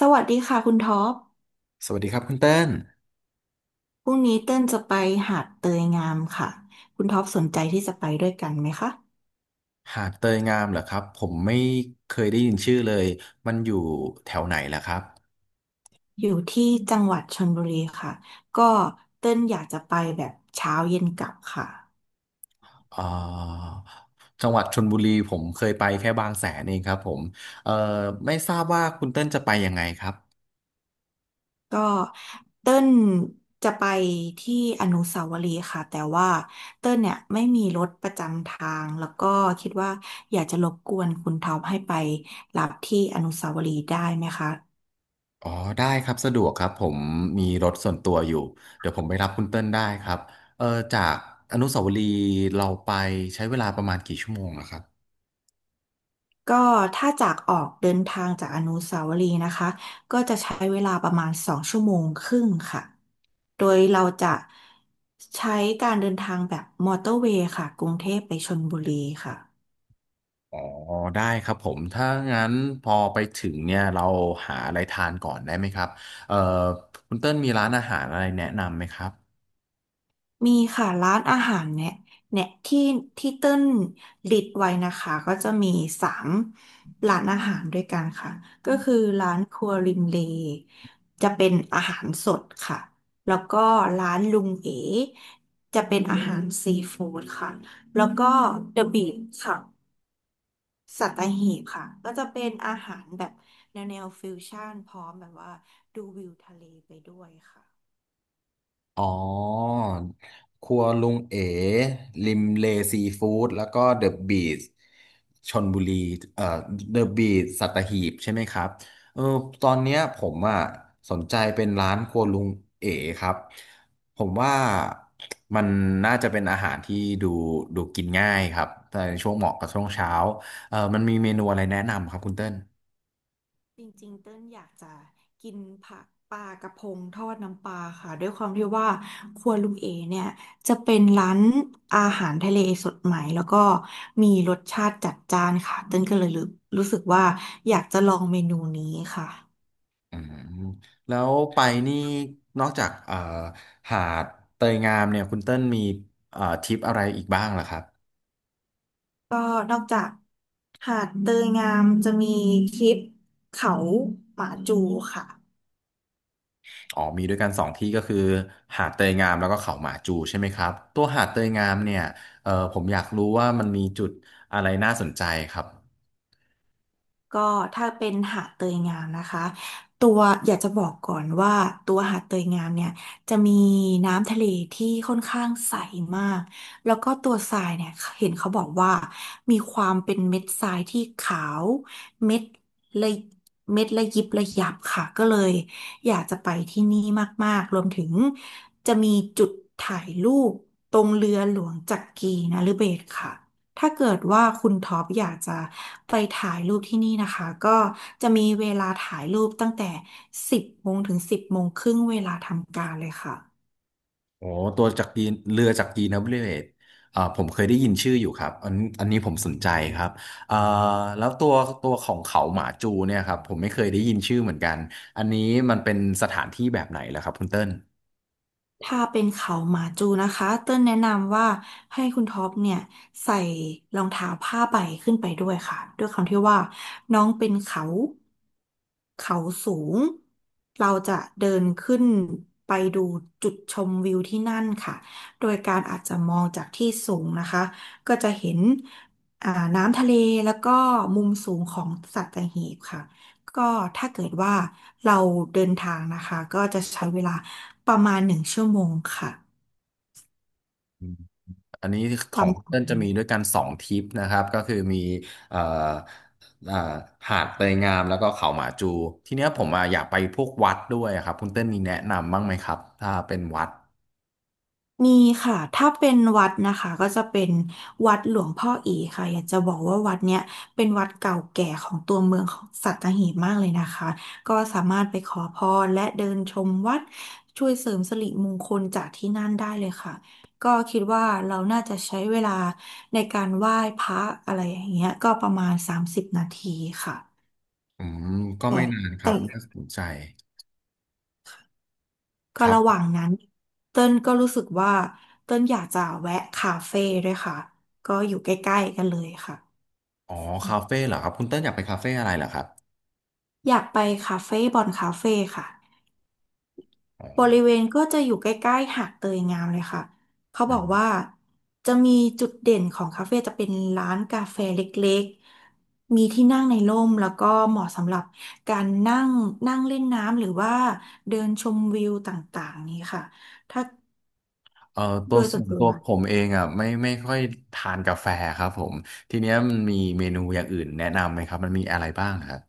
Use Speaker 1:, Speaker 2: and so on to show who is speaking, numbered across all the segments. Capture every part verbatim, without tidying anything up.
Speaker 1: สวัสดีค่ะคุณท็อป
Speaker 2: สวัสดีครับคุณเต้น
Speaker 1: พรุ่งนี้เต้นจะไปหาดเตยงามค่ะคุณท็อปสนใจที่จะไปด้วยกันไหมคะ
Speaker 2: หาดเตยงามเหรอครับผมไม่เคยได้ยินชื่อเลยมันอยู่แถวไหนล่ะครับ
Speaker 1: อยู่ที่จังหวัดชลบุรีค่ะ ก็เต้นอยากจะไปแบบเช้าเย็นกลับค่ะ
Speaker 2: เอ่อจังหวัดชลบุรีผมเคยไปแค่บางแสนเองครับผมเอ่อไม่ทราบว่าคุณเต้นจะไปยังไงครับ
Speaker 1: ก็เต้นจะไปที่อนุสาวรีย์ค่ะ แต่ว่าเต้นเนี่ยไม่มีรถประจำทาง แล้วก็คิดว่าอยากจะรบกวนคุณท็อปให้ไปรับที่อนุสาวรีย์ได้ไหมคะ
Speaker 2: อ๋อได้ครับสะดวกครับผมมีรถส่วนตัวอยู่เดี๋ยวผมไปรับคุณเต้นได้ครับเออจากอนุสาวรีย์เราไปใช้เวลาประมาณกี่ชั่วโมงล่ะครับ
Speaker 1: ก็ถ้าจากออกเดินทางจากอนุสาวรีย์นะคะก็จะใช้เวลาประมาณสองชั่วโมงครึ่งค่ะโดยเราจะใช้การเดินทางแบบมอเตอร์เวย์ค่ะกรุงเทพไปชลบุรีค่ะ
Speaker 2: อ๋อได้ครับผมถ้างั้นพอไปถึงเนี่ยเราหาอะไรทานก่อนได้ไหมครับเอ่อคุณเติ้ลมีร้านอาหารอะไรแนะนำไหมครับ
Speaker 1: มีค่ะร้านอาหารเนี่ยเนี่ยที่ที่เต้นลิดไว้นะคะก็จะมีสามร้านอาหารด้วยกันค่ะก็คือร้านครัวริมเลจะเป็นอาหารสดค่ะแล้วก็ร้านลุงเอ๋จะเป็นอาหารซีฟู้ดค่ะแล้วก็เดอะบีชค่ะสัตหีบค่ะก็จะเป็นอาหารแบบแนวแนวฟิวชั่นพร้อมแบบว่าดูวิวทะเลไปด้วยค่ะ
Speaker 2: อ๋อครัวลุงเอ๋ริมเลซีฟู้ดแล้วก็เดอะบีทชลบุรีเอ่อเดอะบีทสัตหีบใช่ไหมครับเออตอนเนี้ยผมอ่ะสนใจเป็นร้านครัวลุงเอ๋ครับผมว่ามันน่าจะเป็นอาหารที่ดูดูกินง่ายครับ แต่ในช่วงเหมาะกับช่วงเช้าเออมันมีเมนูอะไรแนะนำครับคุณเติ้ล
Speaker 1: จริงๆเต้นอยากจะกินผักปลากระพงทอดน้ำปลาค่ะด้วยความที่ว่าครัวลุงเอเนี่ยจะเป็นร้านอาหารทะเลสดใหม่แล้วก็มีรสชาติจัดจ้านค่ะเต้นก็เลยรู้รู้สึกว่าอยากจะลองเมนูนี้ค่ะ
Speaker 2: อืมแล้วไปนี่นอกจากเอ่อหาดเตยงามเนี่ยคุณเติ้ลมีเอ่อทริปอะไรอีกบ้างล่ะครับ
Speaker 1: ก็นอกจากหาดเตยงามจะมีคลิปเขาหมาจูค่ะ
Speaker 2: อ๋อมีด้วยกันสองที่ก็คือหาดเตยงามแล้วก็เขาหมาจูใช่ไหมครับตัวหาดเตยงามเนี่ยเอ่อผมอยากรู้ว่ามันมีจุดอะไรน่าสนใจครับ
Speaker 1: ก็ถ้าเป็นหาดเตยงามนะคะตัวอยากจะบอกก่อนว่าตัวหาดเตยงามเนี่ยจะมีน้ำทะเลที่ค่อนข้างใสมากแล้วก็ตัวทรายเนี่ยเห็นเขาบอกว่ามีความเป็นเม็ดทรายที่ขาวเม็ดละเม็ดละยิบละยับค่ะก็เลยอยากจะไปที่นี่มากๆรวมถึงจะมีจุดถ่ายรูปตรงเรือหลวงจักรีนฤเบศรค่ะ ถ้าเกิดว่าคุณท็อปอยากจะไปถ่ายรูปที่นี่นะคะก็จะมีเวลาถ่ายรูปตั้งแต่สิบโมงถึงสิบโมงครึ่งเวลาทำการเลยค่ะ
Speaker 2: โอ้ตัวจากกีนเรือจากกีนนะบริเวตอ่าผมเคยได้ยินชื่ออยู่ครับอันอันนี้ผมสนใจครับอ่าแล้วตัวตัวของเขาหมาจูเนี่ยครับผมไม่เคยได้ยินชื่อเหมือนกันอันนี้มันเป็นสถานที่แบบไหนล่ะครับคุณเติ้ล
Speaker 1: ถ้าเป็นเขาหมาจูนะคะ เต้นแนะนำว่าให้คุณท็อปเนี่ยใส่รองเท้าผ้าใบขึ้นไปด้วยค่ะด้วยความที่ว่าน้องเป็นเขาเขาสูงเราจะเดินขึ้นไปดูจุดชมวิวที่นั่นค่ะโดยการอาจจะมองจากที่สูงนะคะก็จะเห็นอ่าน้ำทะเลแล้วก็มุมสูงของสัตหีบค่ะก็ถ้าเกิดว่าเราเดินทางนะคะก็จะใช้เวลา ประมาณหนึ่งชั่วโมงค่ะ
Speaker 2: อืมอันนี้ข
Speaker 1: ป
Speaker 2: อ
Speaker 1: ระ
Speaker 2: งคุณ
Speaker 1: มาณ
Speaker 2: เติ้ลจะ
Speaker 1: นี้
Speaker 2: มีด้วยกันสองทริปนะครับก็คือมีเอ่อเอ่อหาดเตยงามแล้วก็เขาหมาจูทีเนี้ยผมอ่ะอยากไปพวกวัดด้วยครับคุณเติ้ลมีแนะนำบ้างไหมครับถ้าเป็นวัด
Speaker 1: มีค่ะ ถ้าเป็นวัดนะคะก็จะเป็นวัดหลวงพ่ออีค่ะอยากจะบอกว่าวัดเนี้ยเป็นวัดเก่าแก่ของตัวเมืองของสัตหีบมากเลยนะคะก็สามารถไปขอพรและเดินชมวัดช่วยเสริมสิริมงคลจากที่นั่นได้เลยค่ะก็คิดว่าเราน่าจะใช้เวลาในการไหว้พระอะไรอย่างเงี้ยก็ประมาณสามสิบนาทีค่ะ
Speaker 2: อืมก็
Speaker 1: แต่
Speaker 2: ไม่นานครับ
Speaker 1: แต่
Speaker 2: น่าสนใจ
Speaker 1: ก็
Speaker 2: ครั
Speaker 1: ระห
Speaker 2: บ
Speaker 1: ว่างนั้นเต้นก็รู้สึกว่าเต้นอยากจะแวะคาเฟ่ด้วยค่ะก็อยู่ใกล้ๆกันเลยค่ะ
Speaker 2: อ๋อ
Speaker 1: อื
Speaker 2: คาเฟ่
Speaker 1: ม
Speaker 2: เหรอครับคุณเต้นอยากไปคาเฟ่อะไรเหรอครับ
Speaker 1: อยากไปคาเฟ่บอนคาเฟ่ค่ะ
Speaker 2: อ๋อ
Speaker 1: บริเวณก็จะอยู่ใกล้ๆหาดเตยงามเลยค่ะเขาบ
Speaker 2: อื
Speaker 1: อ
Speaker 2: ม
Speaker 1: กว่าจะมีจุดเด่นของคาเฟ่จะเป็นร้านกาแฟเล็กๆมีที่นั่งในร่มแล้วก็เหมาะสำหรับการนั่งนั่งเล่นน้ำหรือว่าเดินชมวิวต่างๆนี้ค่ะถ้า
Speaker 2: เอ่อตั
Speaker 1: โด
Speaker 2: ว
Speaker 1: ยส่
Speaker 2: ส่
Speaker 1: วน
Speaker 2: วน
Speaker 1: ตั
Speaker 2: ตั
Speaker 1: ว
Speaker 2: วผมเองอ่ะไม่ไม่ค่อยทานกาแฟครับผมทีเนี้ยมันมีเมนูอย่างอื่นแนะนำไหมครับมันมีอะไรบ้างครับ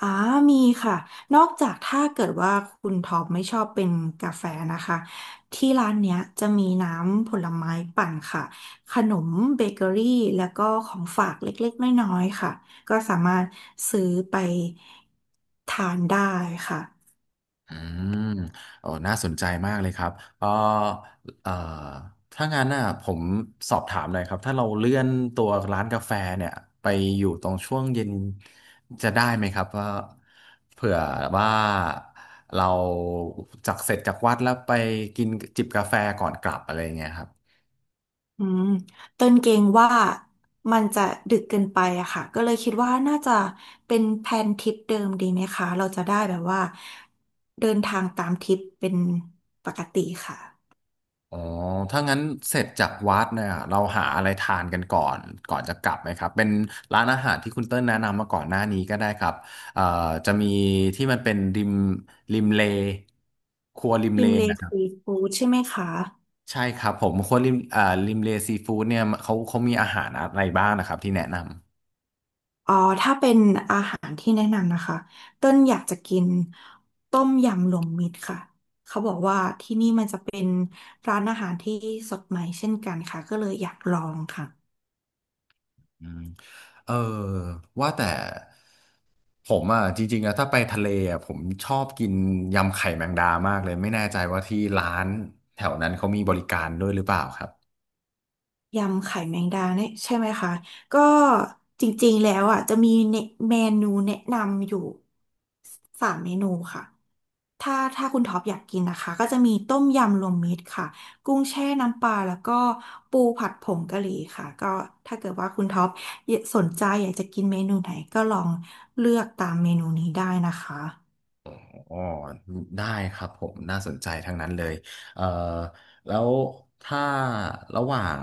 Speaker 1: อ่ามีค่ะ นอกจากถ้าเกิดว่าคุณท็อปไม่ชอบเป็นกาแฟนะคะ ที่ร้านเนี้ยจะมีน้ำผลไม้ปั่นค่ะ ขนมเบเกอรี่แล้วก็ของฝากเล็กๆน้อยๆค่ะ ก็สามารถซื้อไปทานได้ค่ะ
Speaker 2: อืมโอ้น่าสนใจมากเลยครับเออเอ่อถ้างั้นน่ะผมสอบถามหน่อยครับ ถ้าเราเลื่อนตัวร้านกาแฟเนี่ยไปอยู่ตรงช่วงเย็นจะได้ไหมครับว่าเผื่อว่าเราจากเสร็จจากวัดแล้วไปกินจิบกาแฟก่อนกลับอะไรอย่างเงี้ยครับ
Speaker 1: อืมเต้นเกรงว่ามันจะดึกเกินไปอะค่ะ ก็เลยคิดว่าน่าจะเป็นแผนทริปเดิมดีไหมคะ เราจะได้แบบว่าเดินทางตามทริปเป็นปกติค่ะ
Speaker 2: อ๋อถ้างั้นเสร็จจากวัดเนี่ยเราหาอะไรทานกันก่อนก่อนจะกลับไหมครับเป็นร้านอาหารที่คุณเติ้ลแนะนำมาก่อนหน้านี้ก็ได้ครับเอ่อจะมีที่มันเป็นริมริมเลครัวริม
Speaker 1: ริ
Speaker 2: เล
Speaker 1: มเล
Speaker 2: นะครั
Speaker 1: ซี
Speaker 2: บ
Speaker 1: ฟู้ดใช่ไหมคะ
Speaker 2: ใช่ครับผมครัวริมเอ่อริมเลซีฟู้ดเนี่ยเขาเขามีอาหารอะไรบ้างนะครับที่แนะนำ
Speaker 1: อ๋อถ้าเป็นอาหารที่แนะนำนะคะต้นอยากจะกินต้มยำรวมมิตรค่ะเขาบอกว่าที่นี่มันจะเป็นร้านอาหารที่สดใหม่เช่นกันค่ะก็เลยอยากลองค่ะ
Speaker 2: อืมเออว่าแต่ผมอ่ะจริงๆนะถ้าไปทะเลอ่ะผมชอบกินยำไข่แมงดามากเลยไม่แน่ใจว่าที่ร้านแถวนั้นเขามีบริการด้วยหรือเปล่าครับ
Speaker 1: ยำไข่แมงดาเนี่ยใช่ไหมคะก็จริงๆแล้วอ่ะจะมีเนเมนูแนะนำอยู่สามเมนูค่ะ ถ้าถ้าคุณท็อปอยากกินนะคะก็จะมีต้มยำรวมมิตรค่ะกุ้งแช่น้ำปลาแล้วก็ปูผัดผงกะหรี่ค่ะก็ถ้าเกิดว่าคุณท็อปสนใจอยากจะกินเมนูไหนก็ลองเลือกตามเมนูนี้ได้นะคะ
Speaker 2: อ๋อได้ครับผมน่าสนใจทั้งนั้นเลยเอ่อแล้วถ้าระหว่าง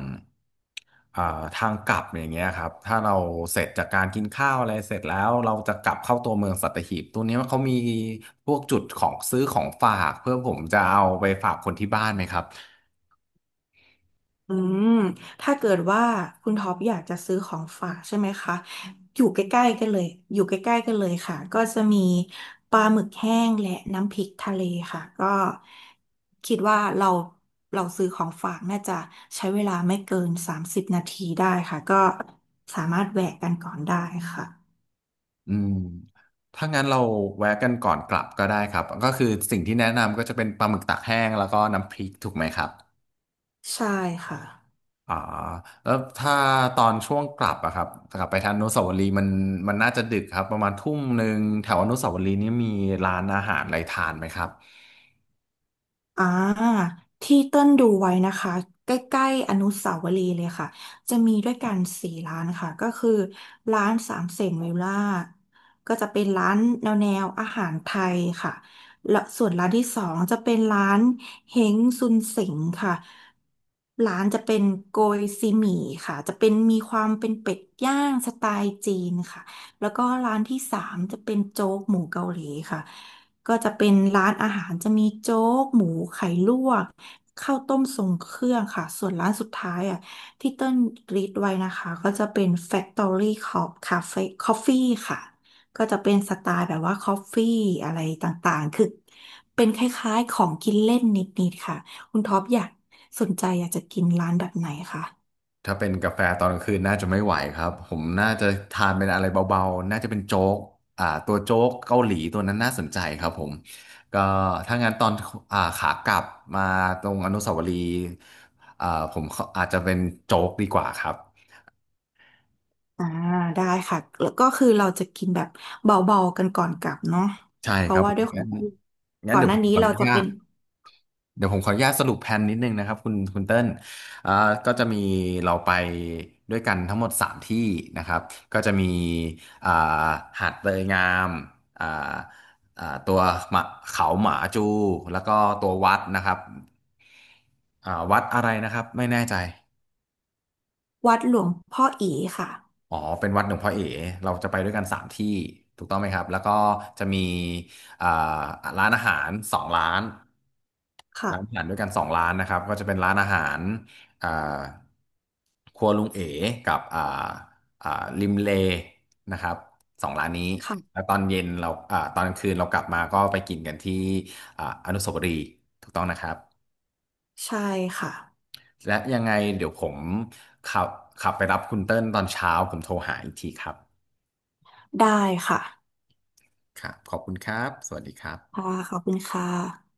Speaker 2: อ่าทางกลับอย่างเงี้ยครับถ้าเราเสร็จจากการกินข้าวอะไรเสร็จแล้วเราจะกลับเข้าตัวเมืองสัตหีบตัวเนี้ยเขามีพวกจุดของซื้อของฝากเพื่อผมจะเอาไปฝากคนที่บ้านไหมครับ
Speaker 1: อืมถ้าเกิดว่าคุณท็อปอยากจะซื้อของฝากใช่ไหมคะ อยู่ใกล้ๆกันเลยอยู่ใกล้ๆกันเลยค่ะก็จะมีปลาหมึกแห้งและน้ำพริกทะเลค่ะก็คิดว่าเราเราซื้อของฝากน่าจะใช้เวลาไม่เกินสามสิบนาทีได้ค่ะ ก็สามารถแวะกันก่อนได้ค่ะ
Speaker 2: อืมถ้างั้นเราแวะกันก่อนกลับก็ได้ครับก็คือสิ่งที่แนะนำก็จะเป็นปลาหมึกตากแห้งแล้วก็น้ำพริกถูกไหมครับ
Speaker 1: ใช่ค่ะ
Speaker 2: อ่าแล้วถ้าตอนช่วงกลับอะครับกลับไปทางอนุสาวรีย์มันมันน่าจะดึกครับประมาณทุ่มหนึ่งแถวอนุสาวรีย์นี่มีร้านอาหารอะไรทานไหมครับ
Speaker 1: อ่าที่เต้นดูไว้นะคะใกล้ๆอนุสาวรีย์เลยค่ะจะมีด้วยกันสี่ร้านค่ะก็คือร้านสามเสนเวลล่าก็จะเป็นร้านแนวแนวอาหารไทยค่ะและส่วนร้านที่สองจะเป็นร้านเฮงซุนเส็งค่ะร้านจะเป็นโกยซีหมี่ค่ะจะเป็นมีความเป็นเป็ดย่างสไตล์จีนค่ะ แล้วก็ร้านที่สามจะเป็นโจ๊กหมูเกาหลีค่ะ ก็จะเป็นร้านอาหารจะมีโจ๊กหมูไข่ลวกข้าวต้มทรงเครื่องค่ะ ส่วนร้านสุดท้ายอ่ะที่เติ้ลรีดไว้นะคะก็จะเป็น Factory Cop Cafe Coffee ค่ะ ก็จะเป็นสไตล์แบบว่าคอฟฟี่อะไรต่างๆคือเป็นคล้ายๆของกินเล่นนิดๆค่ะคุณท็อปอยากสนใจอยากจะกินร้านแบบไหนคะ
Speaker 2: ถ้าเป็นกาแฟตอนกลางคืนน่าจะไม่ไหวครับผมน่าจะทานเป็นอะไรเบาๆน่าจะเป็นโจ๊กอ่าตัวโจ๊กเกาหลีตัวนั้นน่าสนใจครับผมก็ถ้างั้นตอนอ่าขากลับมาตรงอนุสาวรีย์อ่าผมขออาจจะเป็นโจ๊กดีกว่าครับ
Speaker 1: อ่าได้ค่ะแล้วก็คือเราจะกินแบบเบาๆกันก่อนกลับเนาะ
Speaker 2: ใช่
Speaker 1: เพ
Speaker 2: ครั
Speaker 1: ราะ
Speaker 2: บ
Speaker 1: ว่า
Speaker 2: ผม
Speaker 1: ด้วยขอ
Speaker 2: งั้
Speaker 1: ง
Speaker 2: น
Speaker 1: ที่
Speaker 2: งั้น
Speaker 1: ก่อน
Speaker 2: เดี๋ย
Speaker 1: ห
Speaker 2: วผ
Speaker 1: น้า
Speaker 2: มข
Speaker 1: นี้
Speaker 2: ออ
Speaker 1: เรา
Speaker 2: นุ
Speaker 1: จะ
Speaker 2: ญา
Speaker 1: เป็
Speaker 2: ต
Speaker 1: น
Speaker 2: เดี๋ยวผมขออนุญาตสรุปแผนนิดนึงนะครับคุณคุณเติ้ลอ่าก็จะมีเราไปด้วยกันทั้งหมดสามที่นะครับก็จะมีอ่าหาดเตยงามอ่าอ่าตัวหมาเขาหมาจูแล้วก็ตัววัดนะครับอ่าวัดอะไรนะครับไม่แน่ใจ
Speaker 1: วัดหลวงพ่ออีค่ะ
Speaker 2: อ๋อเป็นวัดหลวงพ่อเอ๋เราจะไปด้วยกันสามที่ถูกต้องไหมครับแล้วก็จะมีอ่าร้านอาหารสองร้าน
Speaker 1: ค่ะ
Speaker 2: ร้านอาหารด้วยกันสองร้านนะครับก็จะเป็นร้านอาหารอ่า ครัวลุงเอ๋กับอ่าอ่าริมเลนะครับสองร้านนี้แล้ว
Speaker 1: ค่ะ
Speaker 2: ตอนเย็นเราอ่าตอนกลางคืนเรากลับมาก็ไปกินกันที่อ่าอนุสาวรีย์ถูกต้องนะครับ
Speaker 1: ใช่ค่ะ
Speaker 2: และยังไงเดี๋ยวผมขับขับไปรับคุณเติ้ลตอนเช้าผมโทรหาอีกทีครับ
Speaker 1: ได้ค่ะ
Speaker 2: ครับขอบคุณครับสวัสดีครับ
Speaker 1: ค่ะขอบคุณค่ะ